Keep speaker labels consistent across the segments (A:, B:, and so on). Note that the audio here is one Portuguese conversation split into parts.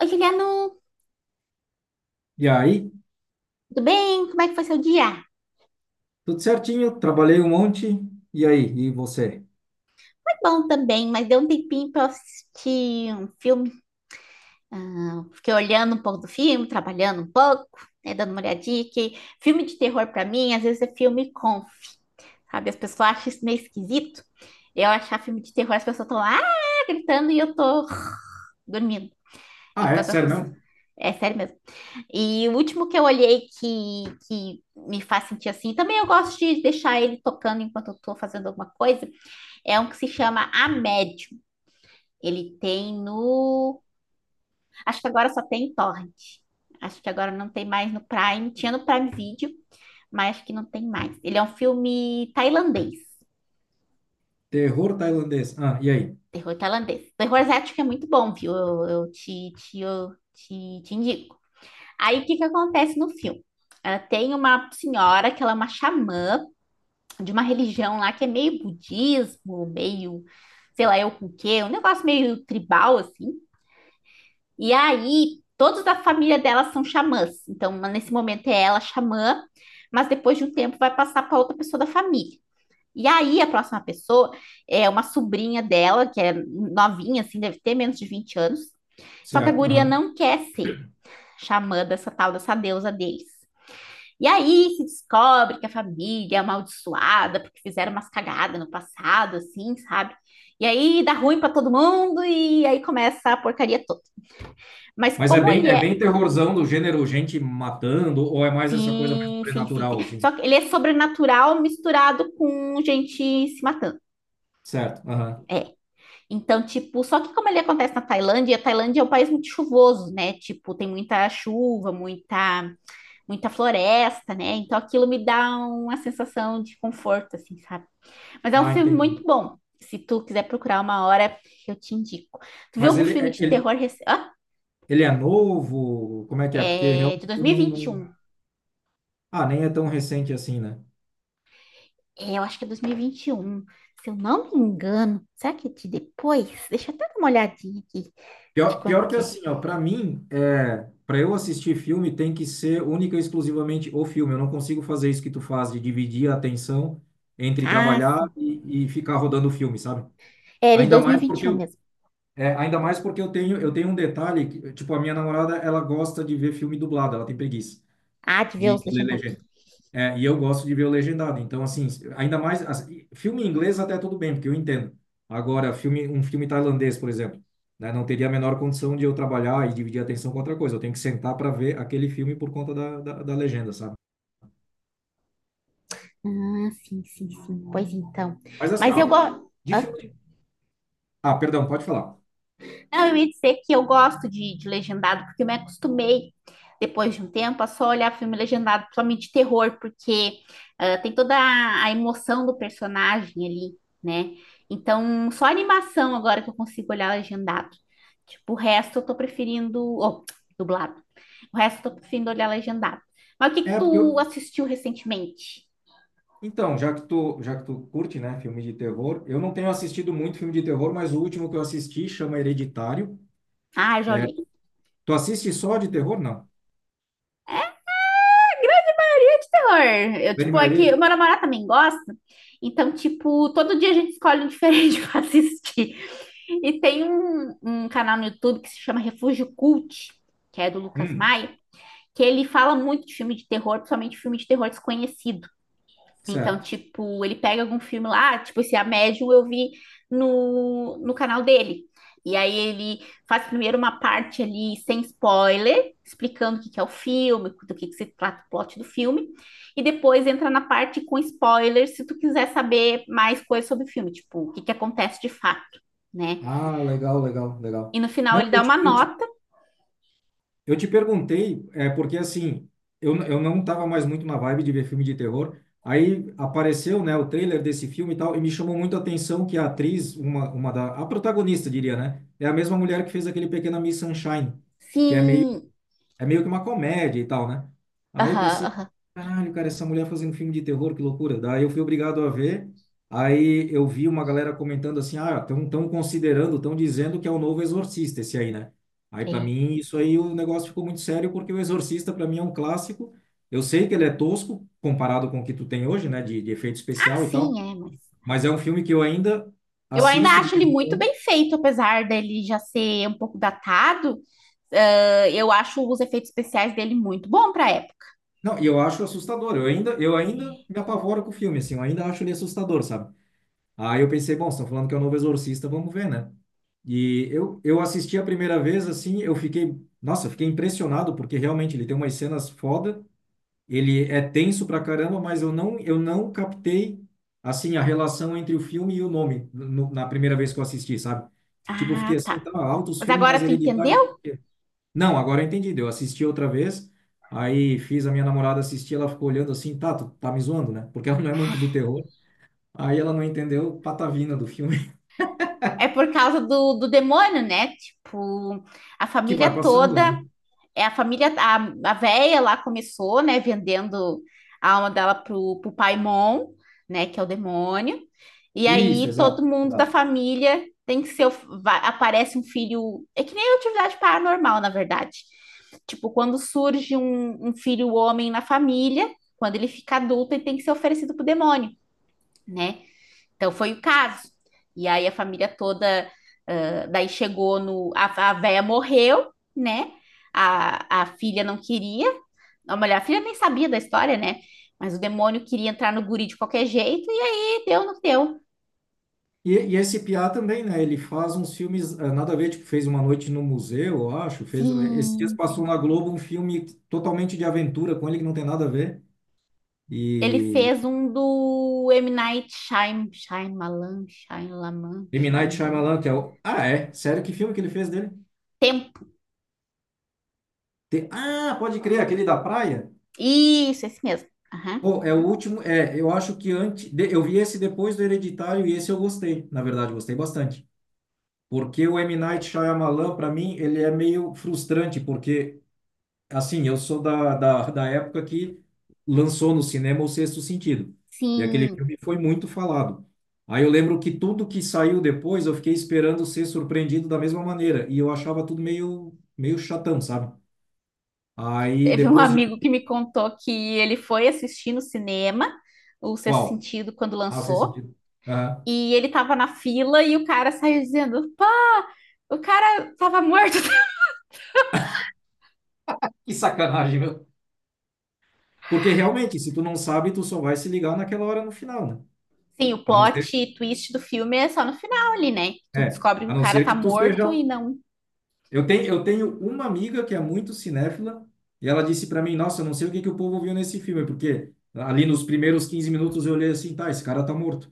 A: Oi, Juliano,
B: E aí,
A: tudo bem? Como é que foi seu dia?
B: tudo certinho, trabalhei um monte. E aí, e você?
A: Foi bom também, mas deu um tempinho para assistir um filme. Ah, fiquei olhando um pouco do filme, trabalhando um pouco, né, dando uma olhadinha, que filme de terror para mim, às vezes é filme conf, sabe? As pessoas acham isso meio esquisito. Eu achar filme de terror, as pessoas estão lá gritando e eu tô dormindo.
B: Ah, é?
A: Então as
B: Sério
A: pessoas.
B: mesmo?
A: É sério mesmo. E o último que eu olhei que me faz sentir assim, também eu gosto de deixar ele tocando enquanto eu tô fazendo alguma coisa. É um que se chama A Médium. Ele tem no. Acho que agora só tem em Torrent. Acho que agora não tem mais no Prime. Tinha no Prime Video, mas acho que não tem mais. Ele é um filme tailandês.
B: Terror tailandês. Ah, e aí?
A: Terror tailandês. Terror asiático é muito bom, viu? Eu te indico. Aí o que que acontece no filme? Ah, tem uma senhora que ela é uma xamã de uma religião lá que é meio budismo, meio, sei lá, eu com o quê, um negócio meio tribal, assim. E aí, todos da família dela são xamãs. Então, uma- nesse momento é ela xamã, mas depois de um tempo vai passar para outra pessoa da família. E aí, a próxima pessoa é uma sobrinha dela, que é novinha, assim, deve ter menos de 20 anos. Só que a
B: Certo,
A: guria
B: aham.
A: não quer ser xamã dessa tal, dessa deusa deles. E aí se descobre que a família é amaldiçoada porque fizeram umas cagadas no passado, assim, sabe? E aí dá ruim para todo mundo e aí começa a porcaria toda. Mas
B: Mas
A: como ele
B: é
A: é.
B: bem terrorzão do gênero gente matando, ou é mais essa coisa mais
A: Sim, sim, sim,
B: sobrenatural,
A: sim.
B: assim?
A: Só que ele é sobrenatural misturado com gente se matando.
B: Certo, aham.
A: Então, tipo, só que como ele acontece na Tailândia, a Tailândia é um país muito chuvoso, né? Tipo, tem muita chuva, muita, muita floresta, né? Então aquilo me dá uma sensação de conforto, assim, sabe? Mas é um
B: Ah,
A: filme muito
B: entendi.
A: bom. Se tu quiser procurar uma hora, eu te indico. Tu viu
B: Mas
A: algum
B: ele,
A: filme
B: é-
A: de
B: ele,
A: terror recente? Ah,
B: ele é novo? Como é que é? Porque
A: é de
B: realmente
A: dois
B: eu
A: mil e
B: não,
A: vinte e
B: não...
A: um.
B: Ah, nem é tão recente assim, né?
A: É, eu acho que é dois mil e vinte e um, se eu não me engano. Será que é de depois? Deixa eu até dar uma olhadinha aqui de
B: Pior,
A: quando
B: pior que
A: que é.
B: assim, ó, para mim, é, para eu assistir filme tem que ser única e exclusivamente o filme. Eu não consigo fazer isso que tu faz de dividir a atenção entre
A: Ah,
B: trabalhar
A: sim.
B: e ficar rodando o filme, sabe?
A: É, ele de
B: Ainda
A: dois mil e
B: mais
A: vinte
B: porque
A: e um
B: eu,
A: mesmo.
B: Ainda mais porque eu tenho um detalhe, que, tipo, a minha namorada, ela gosta de ver filme dublado, ela tem preguiça
A: Ah, de ver os
B: de ler
A: legendados.
B: legenda. É, e eu gosto de ver o legendado. Então, assim, ainda mais assim, filme em inglês até tudo bem, porque eu entendo. Agora, um filme tailandês, por exemplo, né, não teria a menor condição de eu trabalhar e dividir a atenção com outra coisa. Eu tenho que sentar para ver aquele filme por conta da legenda, sabe?
A: Ah, sim, sim, sim. Pois então.
B: Mas assim,
A: Mas eu
B: ó,
A: gosto.
B: de filme. Ah, perdão, pode falar.
A: Não, eu ia dizer que eu gosto de legendado, porque eu me acostumei, depois de um tempo, a só olhar filme legendado, principalmente de terror, porque tem toda a emoção do personagem ali, né? Então, só animação agora que eu consigo olhar legendado. Tipo, o resto eu tô preferindo. Oh, dublado. O resto eu tô preferindo olhar legendado. Mas o que que
B: É, porque
A: tu
B: eu.
A: assistiu recentemente?
B: Então, já que tu curte, né, filme de terror, eu não tenho assistido muito filme de terror, mas o último que eu assisti chama Hereditário.
A: Ah, já
B: É,
A: olhei.
B: tu assiste só de terror? Não.
A: Terror. Eu,
B: Grande
A: tipo, é
B: maioria?
A: que o meu namorado também gosta. Então, tipo, todo dia a gente escolhe um diferente pra assistir. E tem um canal no YouTube que se chama Refúgio Cult, que é do Lucas
B: Hum,
A: Maia, que ele fala muito de filme de terror, principalmente filme de terror desconhecido. Então,
B: certo.
A: tipo, ele pega algum filme lá, tipo, esse A Médium eu vi no canal dele. E aí ele faz primeiro uma parte ali sem spoiler, explicando o que que é o filme, do que se trata o plot do filme, e depois entra na parte com spoiler, se tu quiser saber mais coisas sobre o filme, tipo, o que que acontece de fato, né?
B: Ah, legal, legal,
A: E
B: legal.
A: no final
B: Não,
A: ele
B: eu
A: dá uma
B: te, eu te,
A: nota.
B: eu te perguntei, é porque assim, eu não estava mais muito na vibe de ver filme de terror. Aí apareceu, né, o trailer desse filme e tal, e me chamou muito a atenção que a atriz, a protagonista, diria, né, é a mesma mulher que fez aquele Pequena Miss Sunshine, que
A: Sim.
B: é meio que uma comédia e tal, né? Aí eu
A: Aham,
B: pensei,
A: aham.
B: caralho, cara, essa mulher fazendo filme de terror, que loucura. Daí eu fui obrigado a ver. Aí eu vi uma galera comentando assim, ah, estão tão considerando, estão dizendo que é o novo Exorcista esse aí, né? Aí para
A: É.
B: mim isso aí o negócio ficou muito sério porque o Exorcista para mim é um clássico. Eu sei que ele é tosco comparado com o que tu tem hoje, né, de efeito
A: Ah,
B: especial e tal,
A: sim, é, mas
B: mas é um filme que eu ainda
A: Eu ainda
B: assisto de
A: acho
B: vez
A: ele
B: em
A: muito
B: quando.
A: bem feito, apesar dele já ser um pouco datado. Ah, eu acho os efeitos especiais dele muito bom para época.
B: Não, e eu acho assustador. Eu ainda me apavoro com o filme, assim, eu ainda acho ele assustador, sabe? Aí eu pensei, bom, estão falando que é o novo Exorcista, vamos ver, né? Eu assisti a primeira vez, assim, eu fiquei, nossa, eu fiquei impressionado, porque realmente ele tem umas cenas foda, ele é tenso pra caramba, mas eu não captei, assim, a relação entre o filme e o nome no, na primeira vez que eu assisti, sabe? Tipo, eu fiquei
A: Ah,
B: assim,
A: tá.
B: tá, altos
A: Mas
B: filmes,
A: agora
B: mas
A: tu
B: hereditário por
A: entendeu?
B: quê? Não, agora eu entendi, eu assisti outra vez, aí fiz a minha namorada assistir, ela ficou olhando assim, tá, tu tá me zoando, né? Porque ela não é muito do terror, aí ela não entendeu patavina do filme.
A: É por causa do demônio, né? Tipo, a
B: Que vai
A: família
B: passando,
A: toda
B: né?
A: é a família, a véia lá começou, né, vendendo a alma dela pro Paimon, né, que é o demônio. E
B: Isso,
A: aí todo
B: exato,
A: mundo da
B: exato.
A: família tem que ser, o- vai- aparece um filho, é que nem atividade paranormal, na verdade. Tipo, quando surge um filho homem na família, quando ele fica adulto, ele tem que ser oferecido pro demônio, né? Então foi o caso. E aí a família toda, ah, daí chegou no, a véia morreu, né? A filha não queria, a mulher, a filha nem sabia da história, né? Mas o demônio queria entrar no guri de qualquer jeito, e aí deu no que deu.
B: E esse Piá também, né? Ele faz uns filmes, ah, nada a ver, tipo, fez Uma Noite no Museu, eu acho, fez, esses dias
A: Sim,
B: passou
A: sim.
B: na Globo um filme totalmente de aventura com ele que não tem nada a ver.
A: Ele
B: E
A: fez um do M. Night Shyam- Shyamalan, Shyamalan,
B: M. Night
A: Shyamalan.
B: Shyamalan, que é o... Ah, é? Sério, que filme que ele fez dele?
A: Tempo.
B: Tem- Ah, pode crer, aquele da praia?
A: Isso, esse mesmo. Aham.
B: Pô, é o último, é, eu acho que antes, de- eu vi esse depois do Hereditário e esse eu gostei, na verdade, gostei bastante. Porque o M. Night Shyamalan, para mim, ele é meio frustrante, porque assim, eu sou da época que lançou no cinema O Sexto Sentido. E aquele
A: Sim.
B: filme foi muito falado. Aí eu lembro que tudo que saiu depois eu fiquei esperando ser surpreendido da mesma maneira. E eu achava tudo meio, meio chatão, sabe? Aí
A: Teve um
B: depois de.
A: amigo que me contou que ele foi assistir no cinema o Sexto
B: Qual?
A: Sentido quando
B: Ah, O Sexto
A: lançou,
B: Sentido. Aham.
A: e ele tava na fila e o cara saiu dizendo: pá, o cara tava morto.
B: Que sacanagem, meu. Porque realmente, se tu não sabe, tu só vai se ligar naquela hora no final, né?
A: Sim, o
B: A não
A: plot
B: ser,
A: twist do filme é só no final ali, né? Tu descobre que
B: a
A: o
B: não
A: cara
B: ser
A: tá
B: que tu
A: morto
B: seja.
A: e não.
B: Eu tenho uma amiga que é muito cinéfila e ela disse para mim, nossa, eu não sei o que que o povo viu nesse filme, porque ali nos primeiros 15 minutos eu olhei assim, tá, esse cara tá morto.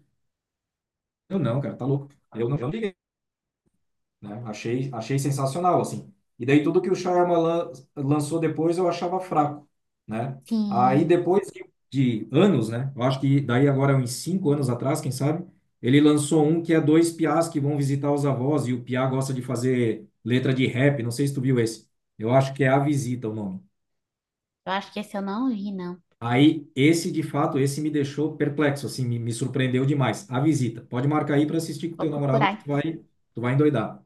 B: Eu não, cara, tá louco. Eu não liguei, né? Achei, achei sensacional, assim. E daí tudo que o Shyamalan lançou depois eu achava fraco, né? Aí
A: Sim,
B: depois de, de anos, né? Eu acho que daí agora é uns 5 anos atrás, quem sabe, ele lançou um que é dois piás que vão visitar os avós e o piá gosta de fazer letra de rap, não sei se tu viu esse. Eu acho que é A Visita o nome.
A: eu acho que esse eu não vi, não.
B: Aí esse, de fato, esse me deixou perplexo, assim, me surpreendeu demais. A Visita. Pode marcar aí para assistir com
A: Vou
B: teu
A: procurar
B: namorado que
A: então.
B: tu vai endoidar.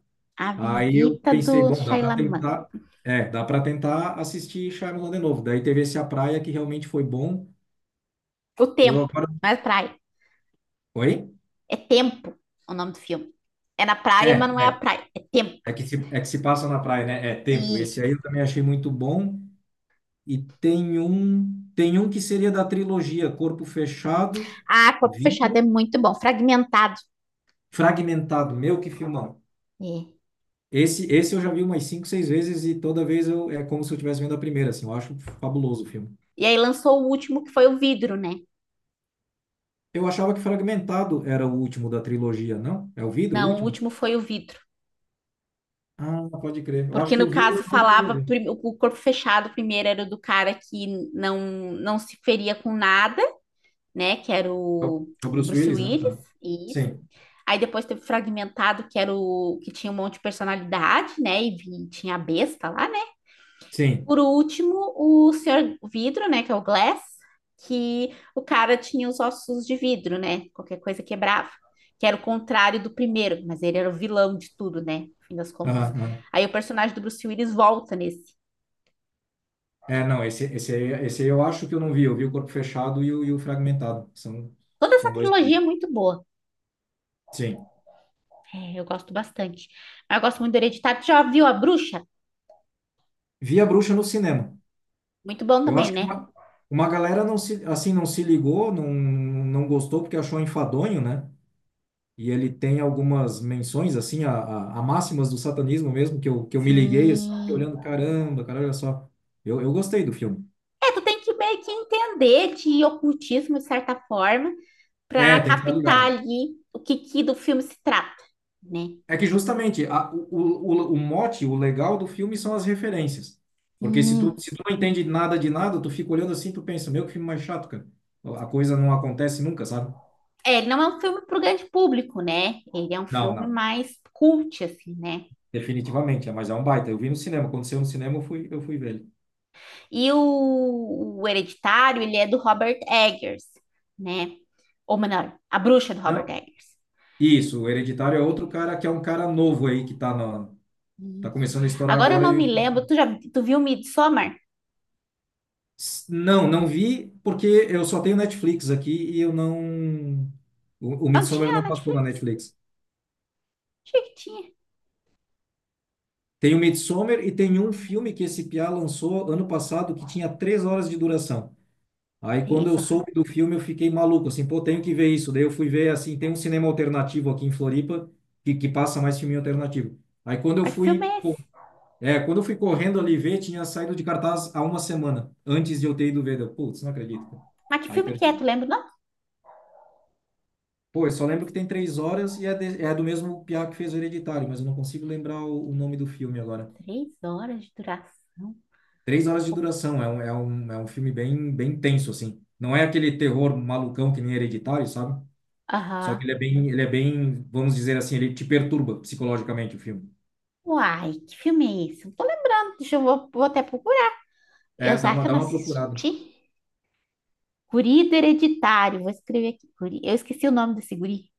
A: A
B: Aí eu
A: Visita do
B: pensei, bom, dá para
A: Shyamalan.
B: tentar, é, dá para tentar assistir Shyamalan de novo. Daí teve esse A Praia que realmente foi bom.
A: O
B: Eu
A: Tempo,
B: agora,
A: não é praia.
B: oi?
A: É Tempo o nome do filme. É na
B: É,
A: praia, mas não é a
B: é,
A: praia. É Tempo.
B: é que se passa na praia, né? É tempo. Esse aí
A: Isso.
B: eu também achei muito bom. E tem um que seria da trilogia Corpo Fechado,
A: Ah, corpo fechado
B: Vidro,
A: é muito bom, fragmentado.
B: Fragmentado. Meu, que filmão.
A: É.
B: Esse eu já vi umas cinco, seis vezes e toda vez eu, é como se eu estivesse vendo a primeira, assim. Eu acho fabuloso o filme.
A: E aí lançou o último que foi o vidro, né?
B: Eu achava que Fragmentado era o último da trilogia, não? É o Vidro o
A: Não, o
B: último?
A: último foi o vidro.
B: Ah, pode crer. Eu acho
A: Porque
B: que
A: no
B: o Vidro
A: caso
B: eu não queria
A: falava
B: ver.
A: prim- o corpo fechado primeiro era o do cara que não não se feria com nada, né? Que era
B: É o
A: o
B: é o Bruce
A: Bruce
B: Willis, né?
A: Willis,
B: Ah.
A: isso.
B: Sim,
A: Aí depois teve o fragmentado, que era o que tinha um monte de personalidade, né? E vi- tinha a besta lá, né?
B: sim.
A: Por último, o senhor Vidro, né, que é o Glass, que o cara tinha os ossos de vidro, né? Qualquer coisa quebrava, que era o contrário do primeiro, mas ele era o vilão de tudo, né? No fim das contas.
B: Aham, aham.
A: Aí o personagem do Bruce Willis volta nesse.
B: É, não, esse aí eu acho que eu não vi. Eu vi o Corpo Fechado e o Fragmentado. São,
A: Toda essa
B: são dois mais.
A: trilogia é muito boa.
B: Sim.
A: É, eu gosto bastante. Mas eu gosto muito do Hereditário. Tu já viu A Bruxa?
B: Vi a Bruxa no cinema.
A: Muito bom
B: Eu
A: também,
B: acho que
A: né?
B: uma galera não se, assim, não se ligou, não, não gostou porque achou enfadonho, né? E ele tem algumas menções, assim, a máximas do satanismo mesmo, que eu me liguei, assim, fiquei
A: Sim.
B: olhando, caramba, cara, olha só. Eu gostei do filme.
A: É, tu tem que meio que entender de ocultismo, de certa forma, para
B: É, tem que estar
A: captar
B: ligado.
A: ali o que, que do filme se trata, né?
B: É que justamente o mote, o legal do filme são as referências. Porque
A: Sim.
B: se tu não entende nada de nada, tu fica olhando assim, tu pensa, meu, que filme mais chato, cara. A coisa não acontece nunca, sabe?
A: É, ele não é um filme para o grande público, né? Ele é um
B: Não,
A: filme
B: não.
A: mais cult, assim, né?
B: Definitivamente, é, mas é um baita. Eu vi no cinema, aconteceu no cinema, eu fui ver ele.
A: E o Hereditário, ele é do Robert Eggers, né? Ou melhor, a bruxa do Robert
B: Não,
A: Eggers.
B: isso, o Hereditário é outro cara que é um cara novo aí que tá na, tá
A: Isso.
B: começando a estourar
A: Agora eu
B: agora.
A: não me
B: E...
A: lembro, tu já tu viu Midsommar?
B: Não, não vi porque eu só tenho Netflix aqui e eu não. O
A: Não
B: Midsommar
A: tinha
B: não
A: na
B: passou na
A: Netflix?
B: Netflix.
A: Achei que tinha.
B: Tem o Midsommar e tem um filme que esse piá lançou ano passado que tinha 3 horas de duração. Aí quando
A: Três
B: eu
A: horas.
B: soube do filme eu fiquei maluco, assim, pô, tenho que ver isso. Daí eu fui ver, assim, tem um cinema alternativo aqui em Floripa que passa mais filme alternativo. Aí quando eu
A: Mas que filme
B: fui,
A: é
B: pô,
A: esse?
B: é, quando eu fui correndo ali ver, tinha saído de cartaz há uma semana, antes de eu ter ido ver. Eu, Putz, não acredito, cara.
A: Mas que
B: Aí
A: filme que é?
B: perdi.
A: Tu lembra? Não?
B: Pô, eu só lembro que tem 3 horas e é, de- é do mesmo piá que fez o Hereditário, mas eu não consigo lembrar o nome do filme agora.
A: 3 horas de duração.
B: 3 horas de
A: Co-
B: duração, é um, é um, é um filme bem, bem tenso, assim. Não é aquele terror malucão que nem Hereditário, sabe? Só que
A: Aham.
B: ele é bem, vamos dizer assim, ele te perturba psicologicamente o filme.
A: Uai, que filme é esse? Não tô lembrando. Deixa eu vou, vou até procurar.
B: É,
A: Eu sei que eu
B: dá
A: não
B: uma procurada.
A: assisti. Guri do Hereditário. Vou escrever aqui. Guri. Eu esqueci o nome desse guri.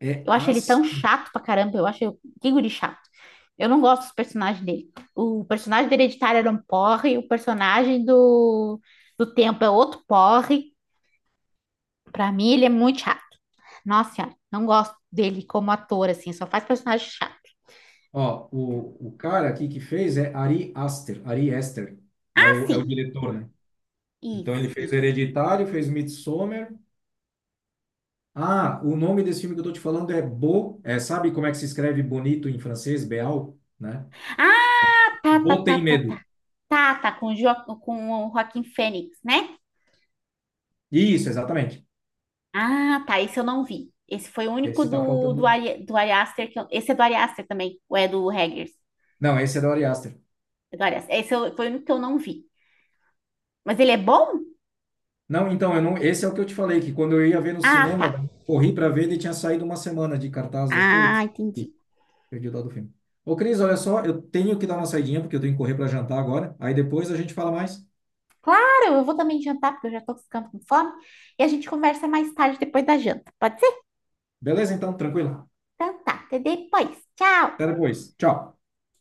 B: É
A: Eu acho ele tão
B: As...
A: chato pra caramba. Eu acho ele- que guri chato. Eu não gosto dos personagens dele. O personagem do Hereditário era um porre. O personagem do Tempo é outro porre. Pra mim, ele é muito chato. Nossa senhora, não gosto dele como ator, assim. Só faz personagem chato.
B: Ó, o cara aqui que fez é Ari Aster, Ari Aster. É o
A: Assim,
B: diretor, né? Então ele
A: isso,
B: fez
A: isso.
B: Hereditário, fez Midsommar, ah, o nome desse filme que eu tô te falando é Bo, é, sabe como é que se escreve bonito em francês, Beau, né?
A: Ah, tá, tá,
B: Bo
A: tá,
B: tem
A: tá,
B: medo.
A: tá. Tá, tá, com o, jo com o Joaquin Fênix, né?
B: Isso, exatamente.
A: Ah, tá, esse eu não vi. Esse foi o único
B: Esse tá
A: do,
B: faltando.
A: Do Ari Aster que eu- Esse é do Ari Aster também, ou é do Eggers?
B: Não, esse é da Ari Aster.
A: É do Ari Aster. Esse eu- foi o único que eu não vi. Mas ele é bom?
B: Não, então, eu não, esse é o que eu te falei, que quando eu ia ver no
A: Ah, tá.
B: cinema, daí eu corri para ver, ele tinha saído uma semana de cartaz. Eu,
A: Ah,
B: putz, ih,
A: entendi.
B: perdi o dado do filme. Ô, Cris, olha só, eu tenho que dar uma saidinha, porque eu tenho que correr para jantar agora. Aí depois a gente fala mais.
A: Claro, eu vou também jantar, porque eu já tô ficando com fome. E a gente conversa mais tarde, depois da janta. Pode ser?
B: Beleza, então, tranquilo.
A: Então tá, até depois. Tchau!
B: Até depois. Tchau.